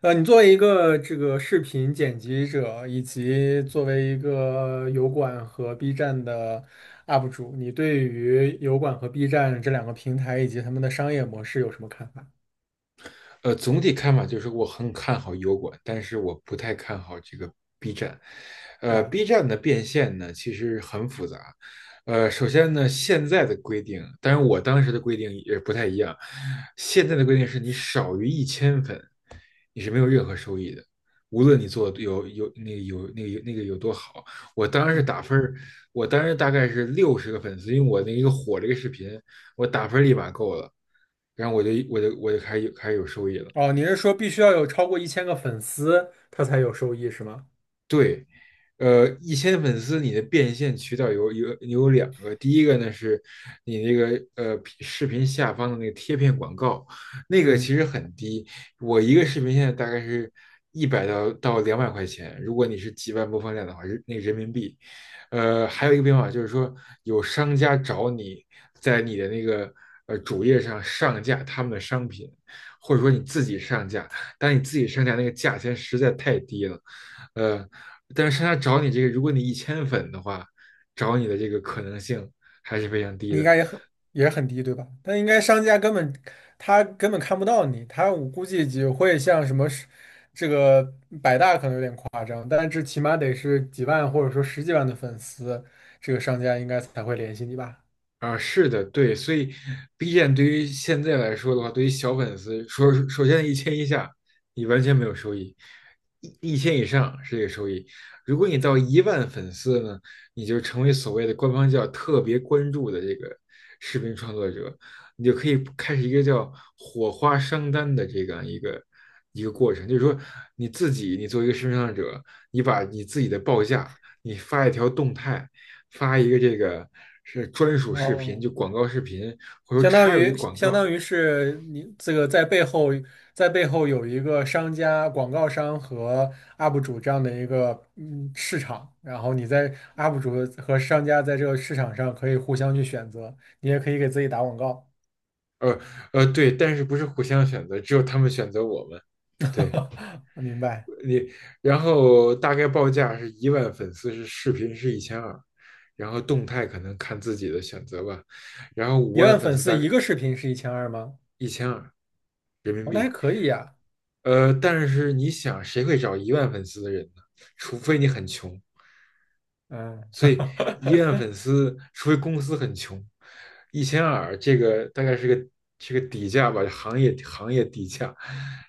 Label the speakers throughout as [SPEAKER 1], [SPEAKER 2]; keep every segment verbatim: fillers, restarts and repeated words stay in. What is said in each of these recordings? [SPEAKER 1] 呃，你作为一个这个视频剪辑者，以及作为一个油管和 B 站的 U P 主，你对于油管和 B 站这两个平台以及他们的商业模式有什么看法
[SPEAKER 2] 呃，总体看法就是我很看好油管，但是我不太看好这个 B 站。呃
[SPEAKER 1] 啊？
[SPEAKER 2] ，B 站的变现呢，其实很复杂。呃，首先呢，现在的规定，当然我当时的规定也不太一样。现在的规定是你少于一千粉，你是没有任何收益的，无论你做得有有那个有那个有那个有多好。我当时
[SPEAKER 1] 嗯。
[SPEAKER 2] 打分儿，我当时大概是六十个粉丝，因为我那一个火这个视频，我打分立马够了，然后我就我就我就开始有开始有收益了。
[SPEAKER 1] 哦，你是说必须要有超过一千个粉丝，他才有收益是吗？
[SPEAKER 2] 对，呃，一千粉丝你的变现渠道有有有两个，第一个呢是你那个呃视频下方的那个贴片广告，那个其
[SPEAKER 1] 嗯。
[SPEAKER 2] 实很低，我一个视频现在大概是一百到到两百块钱，如果你是几万播放量的话，是那个人民币。呃，还有一个变化就是说，有商家找你在你的那个呃主页上上架他们的商品，或者说你自己上架，但你自己上架那个价钱实在太低了。呃，但是他找你这个，如果你一千粉的话，找你的这个可能性还是非常低
[SPEAKER 1] 你应
[SPEAKER 2] 的。
[SPEAKER 1] 该也很也很低，对吧？但应该商家根本他根本看不到你，他我估计只会像什么是这个百大可能有点夸张，但是起码得是几万或者说十几万的粉丝，这个商家应该才会联系你吧？
[SPEAKER 2] 啊，是的，对，所以 B 站对于现在来说的话，对于小粉丝，说首先一千以下，你完全没有收益；一一千以上是这个收益。如果你到一万粉丝呢，你就成为所谓的官方叫特别关注的这个视频创作者，你就可以开始一个叫火花商单的这样一个一个过程，就是说你自己，你作为一个视频创作者，你把你自己的报价，你发一条动态。发一个这个是专属视频，
[SPEAKER 1] 哦，
[SPEAKER 2] 就广告视频，或者
[SPEAKER 1] 相当
[SPEAKER 2] 插入一个
[SPEAKER 1] 于
[SPEAKER 2] 广
[SPEAKER 1] 相
[SPEAKER 2] 告。
[SPEAKER 1] 当于是你这个在背后在背后有一个商家、广告商和 U P 主这样的一个嗯市场，然后你在 U P 主和商家在这个市场上可以互相去选择，你也可以给自己打广告。
[SPEAKER 2] 呃呃，对，但是不是互相选择，只有他们选择我们。对
[SPEAKER 1] 明白。
[SPEAKER 2] 你，然后大概报价是一万粉丝是视频是一千二，然后动态可能看自己的选择吧，然后五
[SPEAKER 1] 一
[SPEAKER 2] 万
[SPEAKER 1] 万
[SPEAKER 2] 粉
[SPEAKER 1] 粉
[SPEAKER 2] 丝
[SPEAKER 1] 丝
[SPEAKER 2] 大概
[SPEAKER 1] 一个视频是一千二吗？
[SPEAKER 2] 一千二。
[SPEAKER 1] 哦，那还可以呀。
[SPEAKER 2] 呃，但是你想，谁会找一万粉丝的人呢？除非你很穷。
[SPEAKER 1] 嗯。
[SPEAKER 2] 所以医万粉 丝，除非公司很穷，一千二这个大概是个是个底价吧，行业行业底价。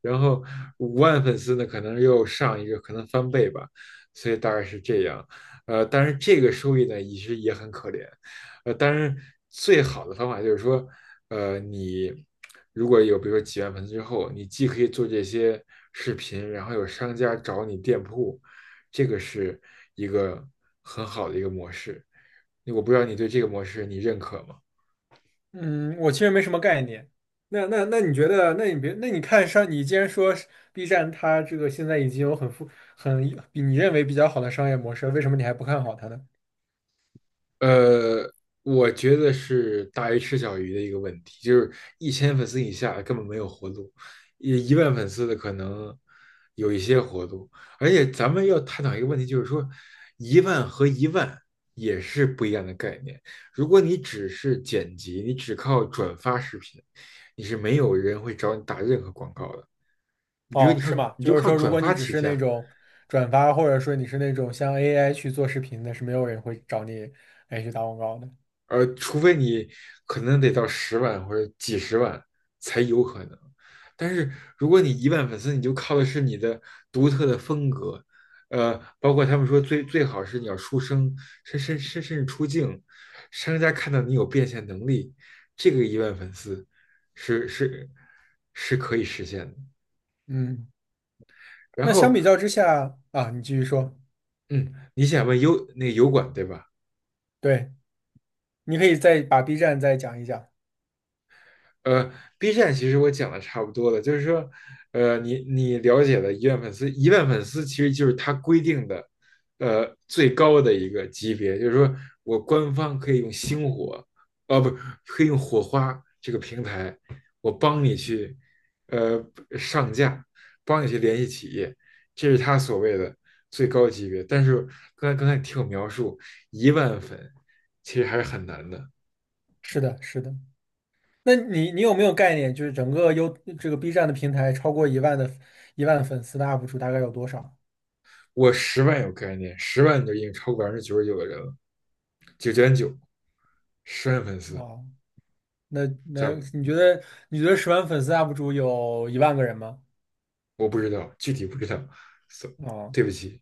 [SPEAKER 2] 然后五万粉丝呢，可能又上一个，可能翻倍吧，所以大概是这样。呃，但是这个收益呢，其实也很可怜。呃，当然最好的方法就是说，呃，你如果有比如说几万粉丝之后，你既可以做这些视频，然后有商家找你店铺，这个是一个很好的一个模式。我不知道你对这个模式你认可吗？
[SPEAKER 1] 嗯，我其实没什么概念。那那那你觉得？那你别，那你看上，你既然说是 B 站它这个现在已经有很富很比你认为比较好的商业模式，为什么你还不看好它呢？
[SPEAKER 2] 呃，我觉得是大鱼吃小鱼的一个问题，就是一千粉丝以下根本没有活路，一一万粉丝的可能有一些活路。而且咱们要探讨一个问题，就是说一万和一万也是不一样的概念。如果你只是剪辑，你只靠转发视频，你是没有人会找你打任何广告的。你比如
[SPEAKER 1] 哦，
[SPEAKER 2] 你靠
[SPEAKER 1] 是吗？
[SPEAKER 2] 你就
[SPEAKER 1] 就是
[SPEAKER 2] 靠
[SPEAKER 1] 说，如
[SPEAKER 2] 转
[SPEAKER 1] 果你
[SPEAKER 2] 发
[SPEAKER 1] 只
[SPEAKER 2] 起
[SPEAKER 1] 是那
[SPEAKER 2] 家，
[SPEAKER 1] 种转发，或者说你是那种像 A I 去做视频的，是没有人会找你来去打广告的。
[SPEAKER 2] 呃，除非你可能得到十万或者几十万才有可能。但是如果你一万粉丝，你就靠的是你的独特的风格，呃，包括他们说最最好是你要出声，甚甚甚甚至出镜，商家看到你有变现能力，这个一万粉丝是是是可以实现的。
[SPEAKER 1] 嗯，
[SPEAKER 2] 然
[SPEAKER 1] 那相
[SPEAKER 2] 后，
[SPEAKER 1] 比较之下啊，你继续说。
[SPEAKER 2] 嗯，你想问油那个油管对吧？
[SPEAKER 1] 对，你可以再把 B 站再讲一讲。
[SPEAKER 2] 呃，B 站其实我讲的差不多了，就是说，呃，你你了解的一万粉丝，一万粉丝其实就是它规定的，呃，最高的一个级别，就是说我官方可以用星火，哦、不，可以用火花这个平台，我帮你去，呃，上架，帮你去联系企业，这是他所谓的最高级别。但是刚才刚才你听我描述，一万粉其实还是很难的。
[SPEAKER 1] 是的，是的。那你你有没有概念，就是整个优这个 B 站的平台超过一万的一万粉丝的 U P 主大概有多少？
[SPEAKER 2] 我十万有概念，十万都已经超过百分之九十九的人了，九点九，十万粉丝，
[SPEAKER 1] 哦，那那
[SPEAKER 2] 在
[SPEAKER 1] 你觉得你觉得十万粉丝 U P 主有一万个人吗？
[SPEAKER 2] 我不知道，具体不知道，so，
[SPEAKER 1] 哦，
[SPEAKER 2] 对不起。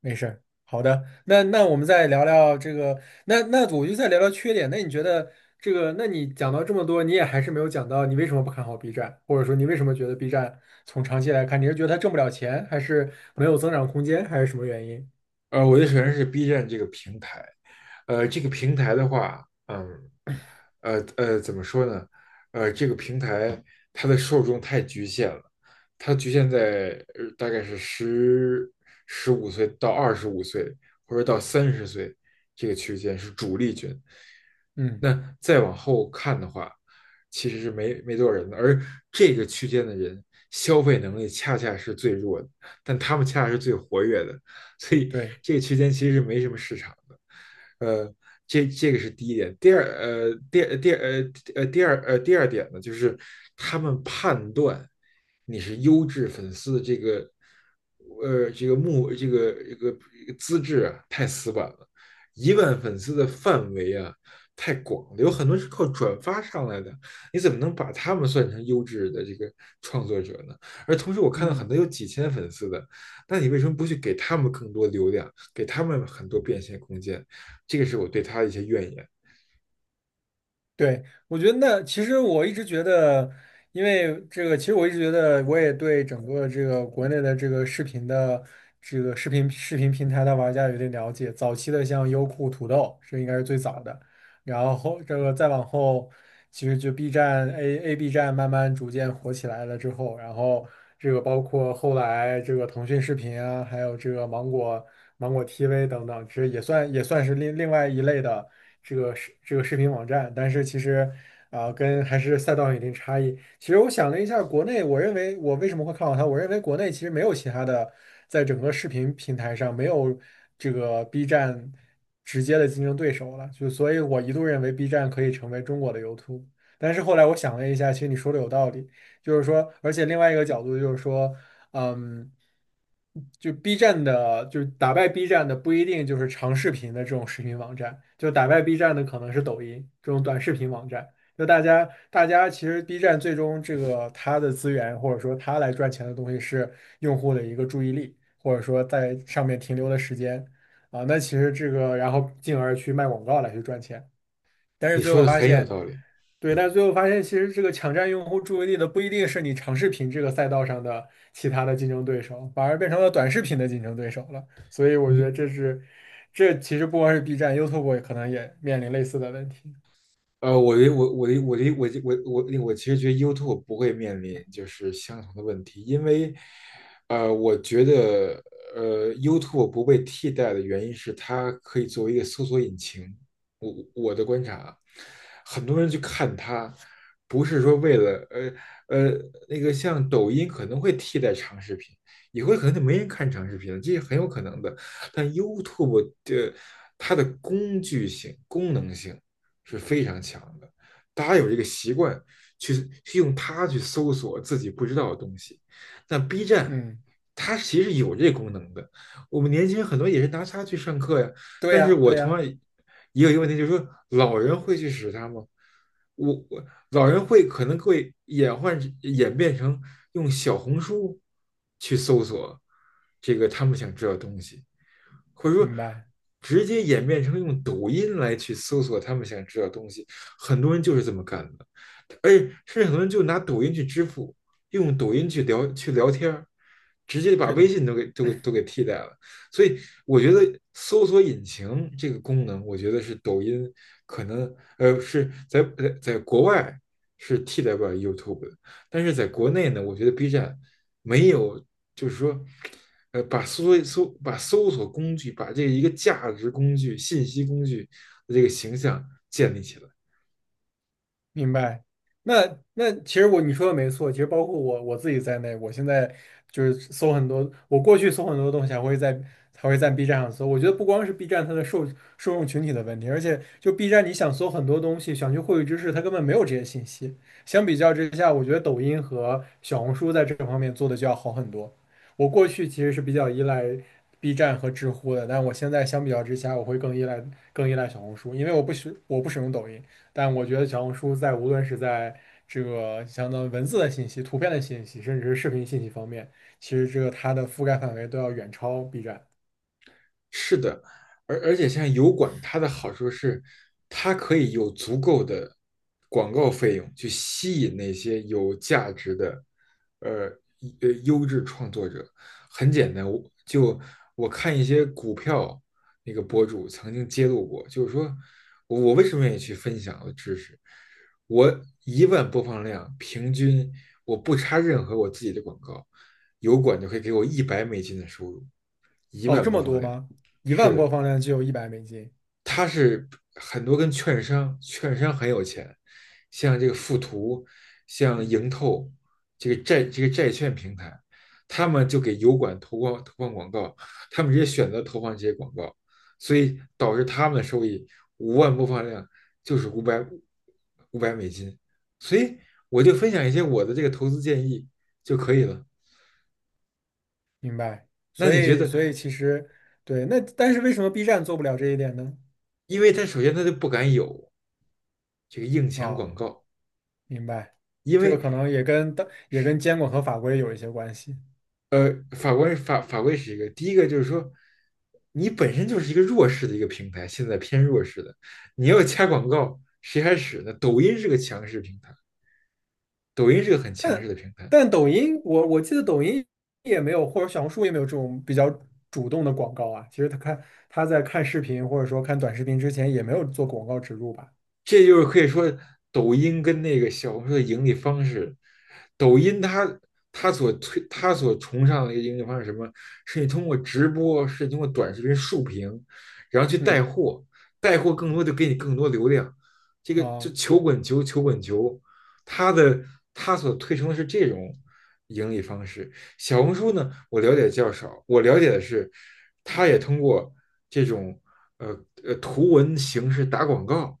[SPEAKER 1] 没事儿，好的，那那我们再聊聊这个，那那我就再聊聊缺点。那你觉得这个，那你讲到这么多，你也还是没有讲到你为什么不看好 B 站，或者说你为什么觉得 B 站从长期来看，你是觉得它挣不了钱，还是没有增长空间，还是什么原因？
[SPEAKER 2] 呃，我的首先是 B 站这个平台，呃，这个平台的话，嗯，呃呃，怎么说呢？呃，这个平台它的受众太局限了，它局限在呃大概是十十五岁到二十五岁，或者到三十岁这个区间是主力军。
[SPEAKER 1] 嗯。
[SPEAKER 2] 那再往后看的话，其实是没没多少人的，而这个区间的人消费能力恰恰是最弱的，但他们恰恰是最活跃的，所以
[SPEAKER 1] 对。
[SPEAKER 2] 这个区间其实是没什么市场的。呃，这这个是第一点。第二，呃，第第呃呃第二呃第二点呢，就是他们判断你是优质粉丝的这个呃这个目这个这个资质啊，太死板了。一万粉丝的范围啊太广了，有很多是靠转发上来的，你怎么能把他们算成优质的这个创作者呢？而同时，我看到很
[SPEAKER 1] 嗯。
[SPEAKER 2] 多有几千粉丝的，那你为什么不去给他们更多流量，给他们很多变现空间？这个是我对他的一些怨言。
[SPEAKER 1] 对，我觉得那其实我一直觉得，因为这个，其实我一直觉得，我也对整个这个国内的这个视频的这个视频视频平台的玩家有点了解。早期的像优酷、土豆，这应该是最早的，然后这个再往后。其实就 B 站 A A B 站慢慢逐渐火起来了之后，然后这个包括后来这个腾讯视频啊，还有这个芒果芒果 T V 等等，其实也算也算是另另外一类的这个视这个视频网站，但是其实啊，跟还是赛道有一定差异。其实我想了一下，国内我认为我为什么会看好它？我认为国内其实没有其他的，在整个视频平台上没有这个 B 站直接的竞争对手了，就所以我一度认为 B 站可以成为中国的 YouTube。但是后来我想了一下，其实你说的有道理，就是说，而且另外一个角度就是说，嗯，就 B 站的，就是打败 B 站的不一定就是长视频的这种视频网站，就打败 B 站的可能是抖音这种短视频网站。就大家，大家其实 B 站最终这个它的资源或者说它来赚钱的东西是用户的一个注意力，或者说在上面停留的时间啊。那其实这个，然后进而去卖广告来去赚钱。但是
[SPEAKER 2] 你
[SPEAKER 1] 最
[SPEAKER 2] 说
[SPEAKER 1] 后
[SPEAKER 2] 的
[SPEAKER 1] 发
[SPEAKER 2] 很有
[SPEAKER 1] 现，
[SPEAKER 2] 道理，
[SPEAKER 1] 对，但是最后发现，其实这个抢占用户注意力的不一定是你长视频这个赛道上的其他的竞争对手，反而变成了短视频的竞争对手了。所以我觉
[SPEAKER 2] 你
[SPEAKER 1] 得这是，这其实不光是 B 站，YouTube 也可能也面临类似的问题。
[SPEAKER 2] 呃，我的我我的我的我的我我我其实觉得 YouTube 不会面临就是相同的问题，因为，呃，我觉得呃 YouTube 不被替代的原因是它可以作为一个搜索引擎。我我的观察啊，很多人去看它，不是说为了呃呃那个像抖音可能会替代长视频，以后可能就没人看长视频了，这是很有可能的。但 YouTube 的它的工具性、功能性。是非常强的。大家有这个习惯去去用它去搜索自己不知道的东西。那 B 站
[SPEAKER 1] 嗯，
[SPEAKER 2] 它其实有这功能的，我们年轻人很多也是拿它去上课呀。
[SPEAKER 1] 对
[SPEAKER 2] 但
[SPEAKER 1] 呀，
[SPEAKER 2] 是我
[SPEAKER 1] 对
[SPEAKER 2] 同
[SPEAKER 1] 呀。
[SPEAKER 2] 样也有一个问题，就是说老人会去使它吗？我我老人会可能会演换演变成用小红书去搜索这个他们想知道的东西。或者说
[SPEAKER 1] 明白。
[SPEAKER 2] 直接演变成用抖音来去搜索他们想知道的东西，很多人就是这么干的，而且甚至很多人就拿抖音去支付，用抖音去聊去聊天直接把
[SPEAKER 1] 是
[SPEAKER 2] 微
[SPEAKER 1] 的。
[SPEAKER 2] 信都给都给都给替代了。所以我觉得搜索引擎这个功能，我觉得是抖音可能呃是在在在国外是替代不了 YouTube 的，但是在国内呢，我觉得 B 站没有，就是说，呃，把搜搜把搜索工具，把这一个价值工具、信息工具的这个形象建立起来。
[SPEAKER 1] 明白。那那其实我你说的没错，其实包括我我自己在内，我现在就是搜很多，我过去搜很多东西还会在还会在 B 站上搜。我觉得不光是 B 站它的受受众群体的问题，而且就 B 站你想搜很多东西，想去获取知识，它根本没有这些信息。相比较之下，我觉得抖音和小红书在这方面做的就要好很多。我过去其实是比较依赖 B 站和知乎的，但我现在相比较之下，我会更依赖更依赖小红书，因为我不使我不使用抖音。但我觉得小红书在无论是在这个相当于文字的信息、图片的信息，甚至是视频信息方面，其实这个它的覆盖范围都要远超 B 站。
[SPEAKER 2] 是的，而而且像油管，它的好处是，它可以有足够的广告费用去吸引那些有价值的，呃呃优质创作者。很简单，我就我看一些股票那个博主曾经揭露过，就是说我我为什么愿意去分享我的知识？我一万播放量，平均我不插任何我自己的广告，油管就可以给我一百美金的收入，一
[SPEAKER 1] 哦，
[SPEAKER 2] 万
[SPEAKER 1] 这
[SPEAKER 2] 播
[SPEAKER 1] 么
[SPEAKER 2] 放
[SPEAKER 1] 多
[SPEAKER 2] 量。
[SPEAKER 1] 吗？一
[SPEAKER 2] 是
[SPEAKER 1] 万播
[SPEAKER 2] 的，
[SPEAKER 1] 放量就有一百美金。
[SPEAKER 2] 他是很多跟券商，券商很有钱，像这个富途，像
[SPEAKER 1] 嗯，
[SPEAKER 2] 盈透，这个债这个债券平台，他们就给油管投放投放广告，他们直接选择投放这些广告，所以导致他们的收益五万播放量就是五百五百美金，所以我就分享一些我的这个投资建议就可以了。
[SPEAKER 1] 明白。
[SPEAKER 2] 那
[SPEAKER 1] 所
[SPEAKER 2] 你觉
[SPEAKER 1] 以，
[SPEAKER 2] 得，
[SPEAKER 1] 所以其实对，那但是为什么 B 站做不了这一点呢？
[SPEAKER 2] 因为他首先他就不敢有这个硬钱广
[SPEAKER 1] 哦，
[SPEAKER 2] 告。
[SPEAKER 1] 明白，
[SPEAKER 2] 因
[SPEAKER 1] 这个
[SPEAKER 2] 为
[SPEAKER 1] 可能也跟当也跟监管和法规有一些关系。
[SPEAKER 2] 呃，法官法法规是一个，第一个就是说，你本身就是一个弱势的一个平台，现在偏弱势的，你要加广告，谁还使呢？抖音是个强势平台，抖音是个很强势的平台，
[SPEAKER 1] 但抖音，我我记得抖音也没有，或者小红书也没有这种比较主动的广告啊。其实他看他在看视频或者说看短视频之前，也没有做广告植入吧？
[SPEAKER 2] 这就是可以说抖音跟那个小红书的盈利方式。抖音它它所推它所崇尚的一个盈利方式是什么？是你通过直播，是通过短视频竖屏，然后去带
[SPEAKER 1] 嗯
[SPEAKER 2] 货，带货更多
[SPEAKER 1] 嗯，
[SPEAKER 2] 就给你更多流量。这个就
[SPEAKER 1] 啊，
[SPEAKER 2] 球滚球，球滚球，它的它所推崇的是这种盈利方式。小红书呢，我了解较少，我了解的是，它也通过这种呃呃图文形式打广告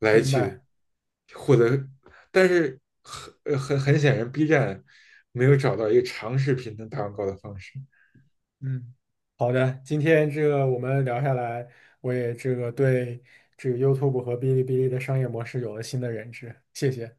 [SPEAKER 2] 来
[SPEAKER 1] 明
[SPEAKER 2] 去
[SPEAKER 1] 白。
[SPEAKER 2] 获得，但是很呃很很显然，B 站没有找到一个长视频能打广告的方式。
[SPEAKER 1] 嗯，好的，今天这个我们聊下来，我也这个对这个 YouTube 和哔哩哔哩的商业模式有了新的认知，谢谢。